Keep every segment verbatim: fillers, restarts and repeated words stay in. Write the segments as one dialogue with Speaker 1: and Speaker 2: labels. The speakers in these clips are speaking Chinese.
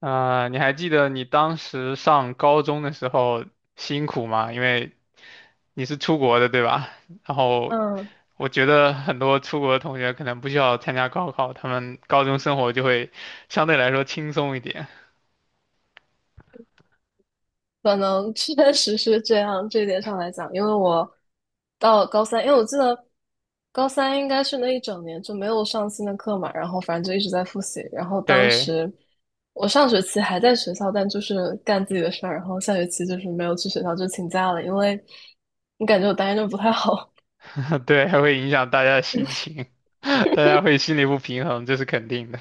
Speaker 1: 啊、你还记得你当时上高中的时候辛苦吗？因为你是出国的，对吧？然后
Speaker 2: 嗯，
Speaker 1: 我觉得很多出国的同学可能不需要参加高考，他们高中生活就会相对来说轻松一点。
Speaker 2: 可能确实是这样，这一点上来讲，因为我到高三，因为我记得高三应该是那一整年就没有上新的课嘛，然后反正就一直在复习，然后当
Speaker 1: 对，
Speaker 2: 时我上学期还在学校，但就是干自己的事儿，然后下学期就是没有去学校，就请假了，因为你感觉我答应着不太好，
Speaker 1: 对，还会影响大家的心情，大家会心里不平衡，这是肯定的。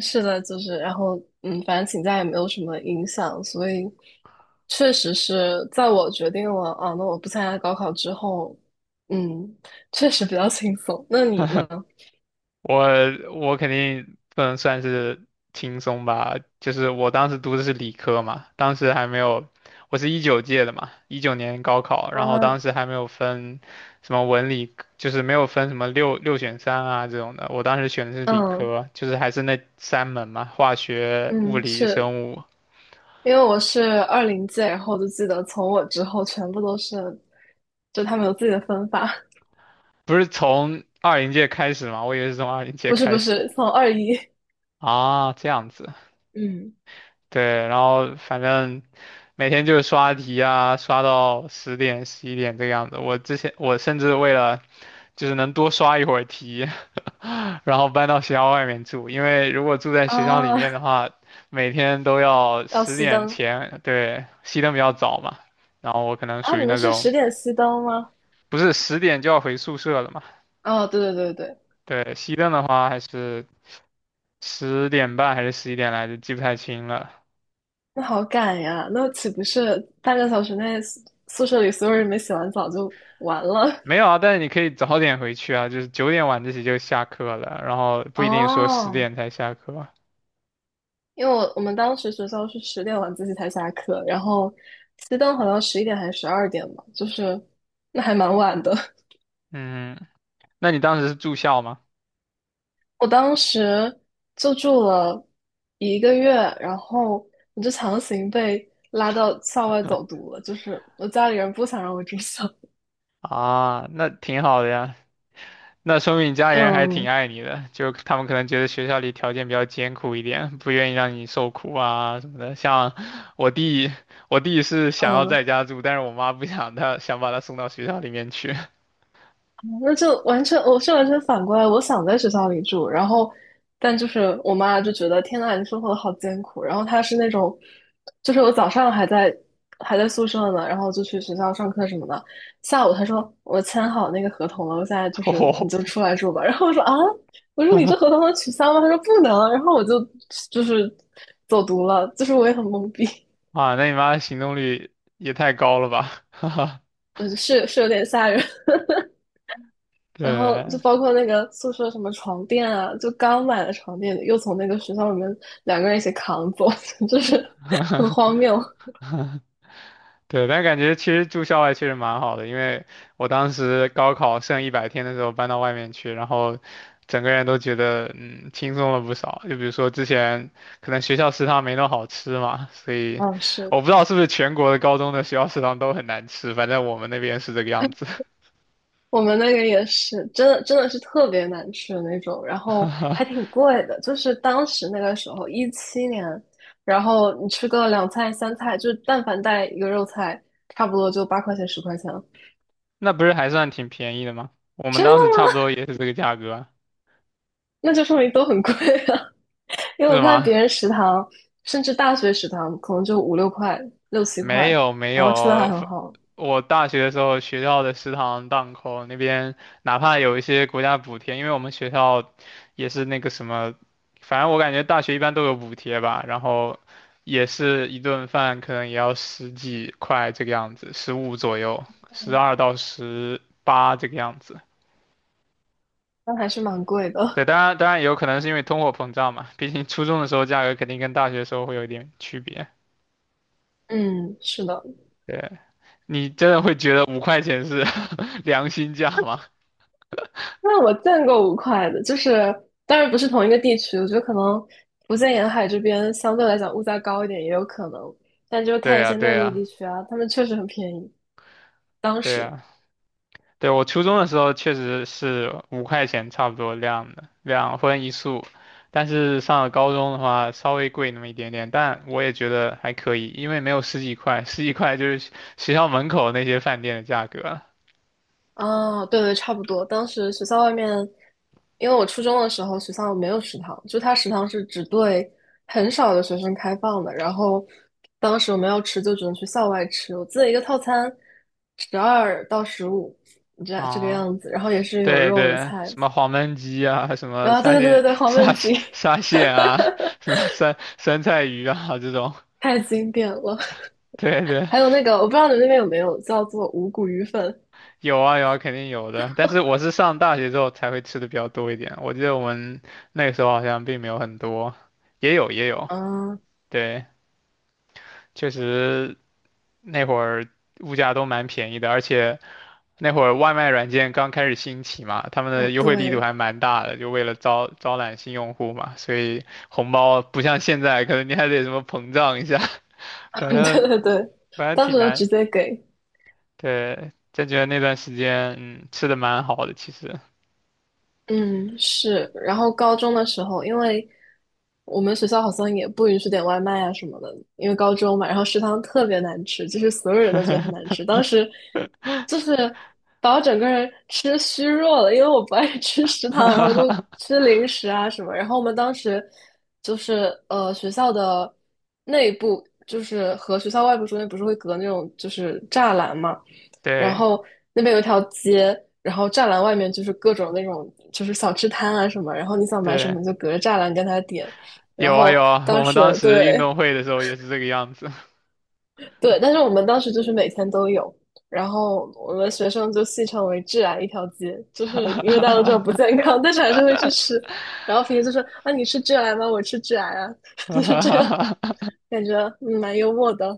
Speaker 2: 是的，就是，然后，嗯，反正请假也没有什么影响，所以确实是在我决定了啊，那我不参加高考之后，嗯，确实比较轻松。那你呢？
Speaker 1: 我我肯定不能算是轻松吧，就是我当时读的是理科嘛，当时还没有，我是一九届的嘛，一九年高考，然后
Speaker 2: 啊，
Speaker 1: 当时还没有分什么文理，就是没有分什么六六选三啊这种的，我当时选的是理
Speaker 2: 嗯
Speaker 1: 科，就是还是那三门嘛，化学、物
Speaker 2: 嗯，
Speaker 1: 理、
Speaker 2: 是
Speaker 1: 生物，
Speaker 2: 因为我是二零届，然后我就记得从我之后全部都是，就他们有自己的分法。
Speaker 1: 不是从二零届开始嘛，我以为是从二零 届
Speaker 2: 不是
Speaker 1: 开
Speaker 2: 不
Speaker 1: 始
Speaker 2: 是，从二一。
Speaker 1: 啊，这样子。
Speaker 2: 嗯
Speaker 1: 对，然后反正每天就是刷题啊，刷到十点十一点这个样子。我之前我甚至为了就是能多刷一会儿题，然后搬到学校外面住，因为如果住在学校里
Speaker 2: 啊，
Speaker 1: 面的话，每天都要
Speaker 2: 要
Speaker 1: 十
Speaker 2: 熄
Speaker 1: 点
Speaker 2: 灯
Speaker 1: 前，对，熄灯比较早嘛，然后我可能
Speaker 2: 啊，
Speaker 1: 属
Speaker 2: 你
Speaker 1: 于
Speaker 2: 们
Speaker 1: 那
Speaker 2: 是
Speaker 1: 种
Speaker 2: 十点熄灯吗？
Speaker 1: 不是十点就要回宿舍了嘛，
Speaker 2: 哦，对对对对，
Speaker 1: 对，熄灯的话还是十点半还是十一点来着，记不太清了，
Speaker 2: 那好赶呀！那岂不是半个小时内宿宿舍里所有人没洗完澡就完了？
Speaker 1: 没有啊，但是你可以早点回去啊，就是九点晚自习就下课了，然后 不一定说十
Speaker 2: 哦，
Speaker 1: 点才下课。
Speaker 2: 因为我我们当时学校是十点晚自习才下课，然后熄灯好像十一点还是十二点吧，就是那还蛮晚的。
Speaker 1: 嗯，那你当时是住校吗？
Speaker 2: 我当时就住了一个月，然后我就强行被拉到校外走读了，就是我家里人不想让我住校。
Speaker 1: 啊，那挺好的呀，那说明你 家人还
Speaker 2: 嗯
Speaker 1: 挺爱你的，就他们可能觉得学校里条件比较艰苦一点，不愿意让你受苦啊什么的。像我弟，我弟是想要
Speaker 2: 嗯，
Speaker 1: 在家住，但是我妈不想他，想把他送到学校里面去。
Speaker 2: 那就完全，我是完全反过来。我想在学校里住，然后，但就是我妈就觉得天呐，你生活的好艰苦。然后她是那种，就是我早上还在还在宿舍呢，然后就去学校上课什么的。下午她说我签好那个合同了，我现在就 是你就
Speaker 1: 哦，
Speaker 2: 出来住吧。然后我说啊，我说你 这合同能取消吗？她说不能。然后我就就是走读了，就是我也很懵逼，
Speaker 1: 啊，那你妈行动力也太高了吧？
Speaker 2: 嗯，是是有点吓人。然后就
Speaker 1: 对。
Speaker 2: 包括那个宿舍什么床垫啊，就刚买的床垫又从那个学校里面两个人一起扛走，就是很 荒谬。
Speaker 1: 对，但感觉其实住校外确实蛮好的，因为我当时高考剩一百天的时候搬到外面去，然后整个人都觉得嗯轻松了不少。就比如说之前可能学校食堂没那么好吃嘛，所以
Speaker 2: 嗯，是。
Speaker 1: 我不知道是不是全国的高中的学校食堂都很难吃，反正我们那边是这个样子。
Speaker 2: 我们那个也是，真的真的是特别难吃的那种，然后还挺贵的，就是当时那个时候一七年，然后你吃个两菜三菜，就是但凡带一个肉菜，差不多就八块钱十块钱了。
Speaker 1: 那不是还算挺便宜的吗？我们
Speaker 2: 真的
Speaker 1: 当时差不多
Speaker 2: 吗？
Speaker 1: 也是这个价格啊
Speaker 2: 那就说明都很贵啊。因为我
Speaker 1: 是
Speaker 2: 看
Speaker 1: 吗？
Speaker 2: 别人食堂，甚至大学食堂，可能就五六块、六七
Speaker 1: 没
Speaker 2: 块，
Speaker 1: 有没
Speaker 2: 然
Speaker 1: 有，
Speaker 2: 后吃的还
Speaker 1: 呃
Speaker 2: 很好，
Speaker 1: 我大学的时候学校的食堂档口那边，哪怕有一些国家补贴，因为我们学校也是那个什么，反正我感觉大学一般都有补贴吧，然后也是一顿饭可能也要十几块这个样子，十五左右，十二到十八这个样子。
Speaker 2: 但还是蛮贵
Speaker 1: 对，
Speaker 2: 的。
Speaker 1: 当然当然也有可能是因为通货膨胀嘛，毕竟初中的时候价格肯定跟大学的时候会有一点区别。
Speaker 2: 嗯，是的。
Speaker 1: 对，你真的会觉得五块钱是 良心价吗？
Speaker 2: 那我见过五块的，就是当然不是同一个地区，我觉得可能福建沿海这边相对来讲物价高一点也有可能，但就是
Speaker 1: 对
Speaker 2: 看一
Speaker 1: 呀，
Speaker 2: 些内
Speaker 1: 对
Speaker 2: 陆
Speaker 1: 呀，
Speaker 2: 地区啊，他们确实很便宜。当
Speaker 1: 对
Speaker 2: 时，
Speaker 1: 呀，对，我初中的时候确实是五块钱差不多量的，两荤一素，但是上了高中的话稍微贵那么一点点，但我也觉得还可以，因为没有十几块，十几块就是学学校门口那些饭店的价格了
Speaker 2: 啊，对对，差不多。当时学校外面，因为我初中的时候学校没有食堂，就它食堂是只对很少的学生开放的。然后当时我们要吃，就只能去校外吃。我记得一个套餐十二到十五，这这个
Speaker 1: 啊。
Speaker 2: 样子。然后也是有
Speaker 1: 对
Speaker 2: 肉有
Speaker 1: 对，
Speaker 2: 菜。
Speaker 1: 什么黄焖鸡啊，什么
Speaker 2: 啊，对
Speaker 1: 沙
Speaker 2: 对对对
Speaker 1: 县
Speaker 2: 对，黄焖
Speaker 1: 沙
Speaker 2: 鸡。
Speaker 1: 沙县啊，什么酸酸菜鱼啊这种，
Speaker 2: 太经典了。
Speaker 1: 对对
Speaker 2: 还有那个，我不知道你们那边有没有叫做五谷鱼粉
Speaker 1: 有啊有啊，肯定有的。但是我是上大学之后才会吃的比较多一点。我记得我们那个时候好像并没有很多，也有也有。
Speaker 2: 啊？
Speaker 1: 对，确实那会儿物价都蛮便宜的，而且那会儿外卖软件刚开始兴起嘛，他们
Speaker 2: 哦，
Speaker 1: 的优惠力度
Speaker 2: 对。
Speaker 1: 还蛮大的，就为了招招揽新用户嘛，所以红包不像现在，可能你还得什么膨胀一下，反
Speaker 2: 对
Speaker 1: 正
Speaker 2: 对对，
Speaker 1: 反正
Speaker 2: 当
Speaker 1: 挺
Speaker 2: 时就直
Speaker 1: 难。
Speaker 2: 接给。
Speaker 1: 对，真觉得那段时间嗯吃的蛮好的，其实。
Speaker 2: 嗯，是。然后高中的时候，因为我们学校好像也不允许点外卖啊什么的，因为高中嘛，然后食堂特别难吃，就是所有人都觉得很难 吃。当时就是把我整个人吃虚弱了，因为我不爱吃食堂，然后就 吃零食啊什么。然后我们当时就是呃学校的内部，就是和学校外部中间不是会隔那种就是栅栏嘛。然
Speaker 1: 对
Speaker 2: 后那边有一条街，然后栅栏外面就是各种那种就是小吃摊啊什么，然后你想买什
Speaker 1: 对，
Speaker 2: 么你就隔着栅栏跟他点。然
Speaker 1: 有啊有
Speaker 2: 后
Speaker 1: 啊，
Speaker 2: 当
Speaker 1: 我们当
Speaker 2: 时，
Speaker 1: 时运
Speaker 2: 对
Speaker 1: 动会的时候也是这个样子。
Speaker 2: 对，但是我们当时就是每天都有，然后我们学生就戏称为"致癌一条街"，就是因为大家都知道不 健康，但是还是会去吃。然后平时就说啊，你吃致癌吗？我吃致癌啊。就是这样，感觉嗯蛮幽默的，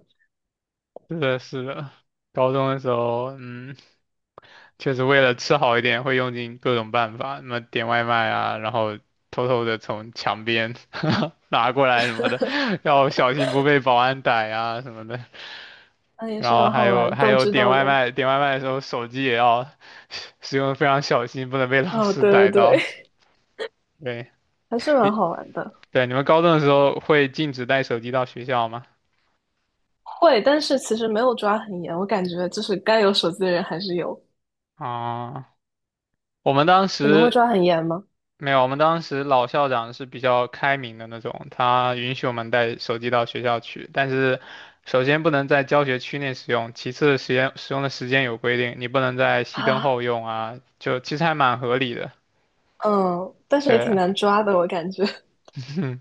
Speaker 1: 是的，是的，高中的时候，嗯，确实为了吃好一点，会用尽各种办法，什么点外卖啊，然后偷偷的从墙边 拿过来什么的，要小心不被保安逮啊什么的。
Speaker 2: 啊也
Speaker 1: 然
Speaker 2: 是
Speaker 1: 后
Speaker 2: 蛮
Speaker 1: 还
Speaker 2: 好
Speaker 1: 有
Speaker 2: 玩，
Speaker 1: 还
Speaker 2: 斗
Speaker 1: 有
Speaker 2: 智
Speaker 1: 点
Speaker 2: 斗
Speaker 1: 外
Speaker 2: 勇。
Speaker 1: 卖，点外卖的时候手机也要使用得非常小心，不能被老
Speaker 2: 哦，
Speaker 1: 师
Speaker 2: 对对
Speaker 1: 逮到。
Speaker 2: 对。
Speaker 1: 对。
Speaker 2: 还是蛮好玩的。
Speaker 1: 对，你们高中的时候会禁止带手机到学校吗？
Speaker 2: 会，但是其实没有抓很严，我感觉就是该有手机的人还是有。
Speaker 1: 啊、我们当
Speaker 2: 你们会
Speaker 1: 时
Speaker 2: 抓很严吗？
Speaker 1: 没有，我们当时老校长是比较开明的那种，他允许我们带手机到学校去，但是首先不能在教学区内使用，其次时间使用的时间有规定，你不能在熄灯
Speaker 2: 啊，
Speaker 1: 后用啊，就其实还蛮合理的。
Speaker 2: 嗯，但是也挺
Speaker 1: 对，
Speaker 2: 难抓的，我感觉。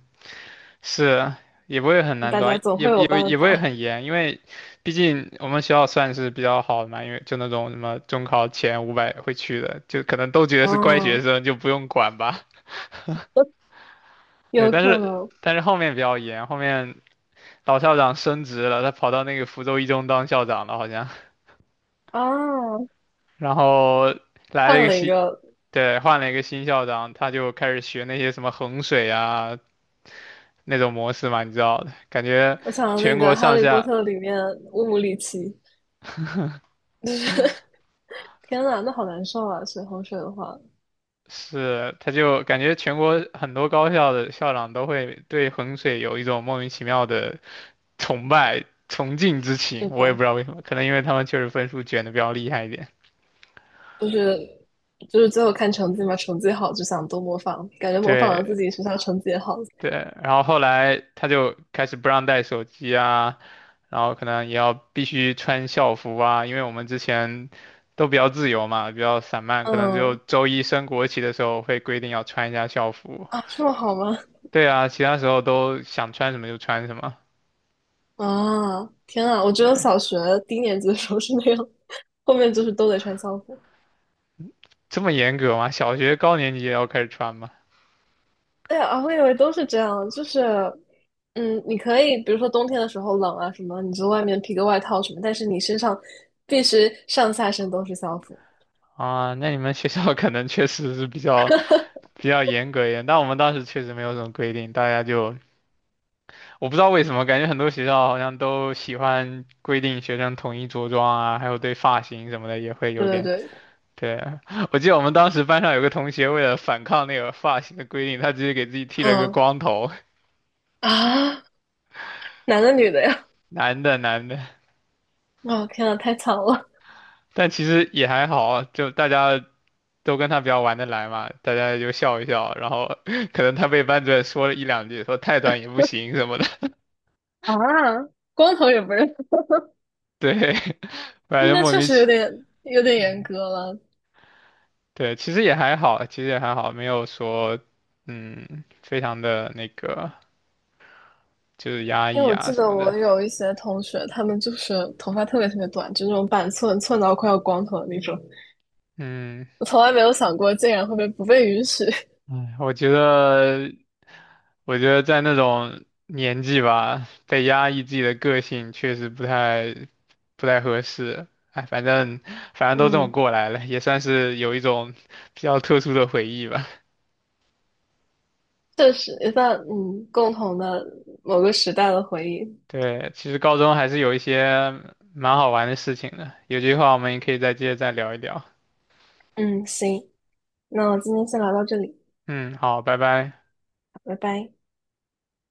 Speaker 1: 是，也不会很 难
Speaker 2: 大
Speaker 1: 抓，
Speaker 2: 家总
Speaker 1: 也
Speaker 2: 会有
Speaker 1: 也不
Speaker 2: 办
Speaker 1: 也不会
Speaker 2: 法。
Speaker 1: 很严，因为毕竟我们学校算是比较好的嘛，因为就那种什么中考前五百会去的，就可能都觉得是乖
Speaker 2: 啊，
Speaker 1: 学生，就不用管吧。对，
Speaker 2: 有
Speaker 1: 但
Speaker 2: 可
Speaker 1: 是
Speaker 2: 能
Speaker 1: 但是后面比较严，后面老校长升职了，他跑到那个福州一中当校长了好像，
Speaker 2: 啊，
Speaker 1: 然后来了一
Speaker 2: 换
Speaker 1: 个
Speaker 2: 了一
Speaker 1: 新，
Speaker 2: 个，
Speaker 1: 对，换了一个新校长，他就开始学那些什么衡水啊那种模式嘛，你知道的，感觉
Speaker 2: 我想到那
Speaker 1: 全
Speaker 2: 个
Speaker 1: 国
Speaker 2: 《哈
Speaker 1: 上
Speaker 2: 利波
Speaker 1: 下。
Speaker 2: 特》里面乌姆里奇，就是。 天呐，那好难受啊！水衡水的话，
Speaker 1: 是，他就感觉全国很多高校的校长都会对衡水有一种莫名其妙的崇拜、崇敬之情，
Speaker 2: 是
Speaker 1: 我也不
Speaker 2: 的，
Speaker 1: 知道为什么，可能因为他们确实分数卷的比较厉害一点。
Speaker 2: 就是就是最后看成绩嘛，成绩好就想多模仿，感觉模仿了
Speaker 1: 对
Speaker 2: 自己学校成绩也好。
Speaker 1: 对，然后后来他就开始不让带手机啊，然后可能也要必须穿校服啊，因为我们之前都比较自由嘛，比较散漫，可能就
Speaker 2: 嗯
Speaker 1: 周一升国旗的时候会规定要穿一下校服。
Speaker 2: 啊，这么好吗？
Speaker 1: 对啊，其他时候都想穿什么就穿什么。
Speaker 2: 啊，天啊！我觉得小学低年级的时候是那样。后面就是都得穿校服。
Speaker 1: 这么严格吗？小学高年级也要开始穿吗？
Speaker 2: 对啊，我以为都是这样，就是，嗯，你可以比如说冬天的时候冷啊什么，你就外面披个外套什么，但是你身上必须上下身都是校服。
Speaker 1: 啊，那你们学校 可能确实是比较比较严格一点，但我们当时确实没有什么规定，大家就我不知道为什么，感觉很多学校好像都喜欢规定学生统一着装啊，还有对发型什么的也会有
Speaker 2: 对
Speaker 1: 点。
Speaker 2: 对对，
Speaker 1: 对啊，我记得我们当时班上有个同学为了反抗那个发型的规定，他直接给自己剃了一个
Speaker 2: 嗯
Speaker 1: 光头，
Speaker 2: 啊，男的女的呀？
Speaker 1: 男的男的，
Speaker 2: 啊，天啊，太惨了。
Speaker 1: 但其实也还好啊，就大家都跟他比较玩得来嘛，大家就笑一笑，然后 可能他被班主任说了一两句，说太短也不行什么的，
Speaker 2: 啊！光头也不认。
Speaker 1: 对，反正
Speaker 2: 那
Speaker 1: 莫
Speaker 2: 确
Speaker 1: 名
Speaker 2: 实有
Speaker 1: 其，
Speaker 2: 点有点严格了。
Speaker 1: 对，其实也还好，其实也还好，没有说，嗯，非常的那个就是压
Speaker 2: 因为
Speaker 1: 抑
Speaker 2: 我
Speaker 1: 啊
Speaker 2: 记
Speaker 1: 什
Speaker 2: 得
Speaker 1: 么的，
Speaker 2: 我有一些同学，他们就是头发特别特别短，就那种板寸，寸到快要光头的那种。
Speaker 1: 嗯，
Speaker 2: 我从来没有想过，竟然会被不被允许。
Speaker 1: 哎，我觉得，我觉得在那种年纪吧，被压抑自己的个性确实不太不太合适。哎，反正反 正都这么
Speaker 2: 嗯，
Speaker 1: 过来了，也算是有一种 比较特殊的回忆吧。
Speaker 2: 确实一段嗯共同的某个时代的回忆。
Speaker 1: 对，其实高中还是有一些蛮好玩的事情的，有机会我们也可以再接着再聊一聊。
Speaker 2: 嗯，行，那我今天先聊到这里，
Speaker 1: 嗯，好，拜拜。
Speaker 2: 拜拜。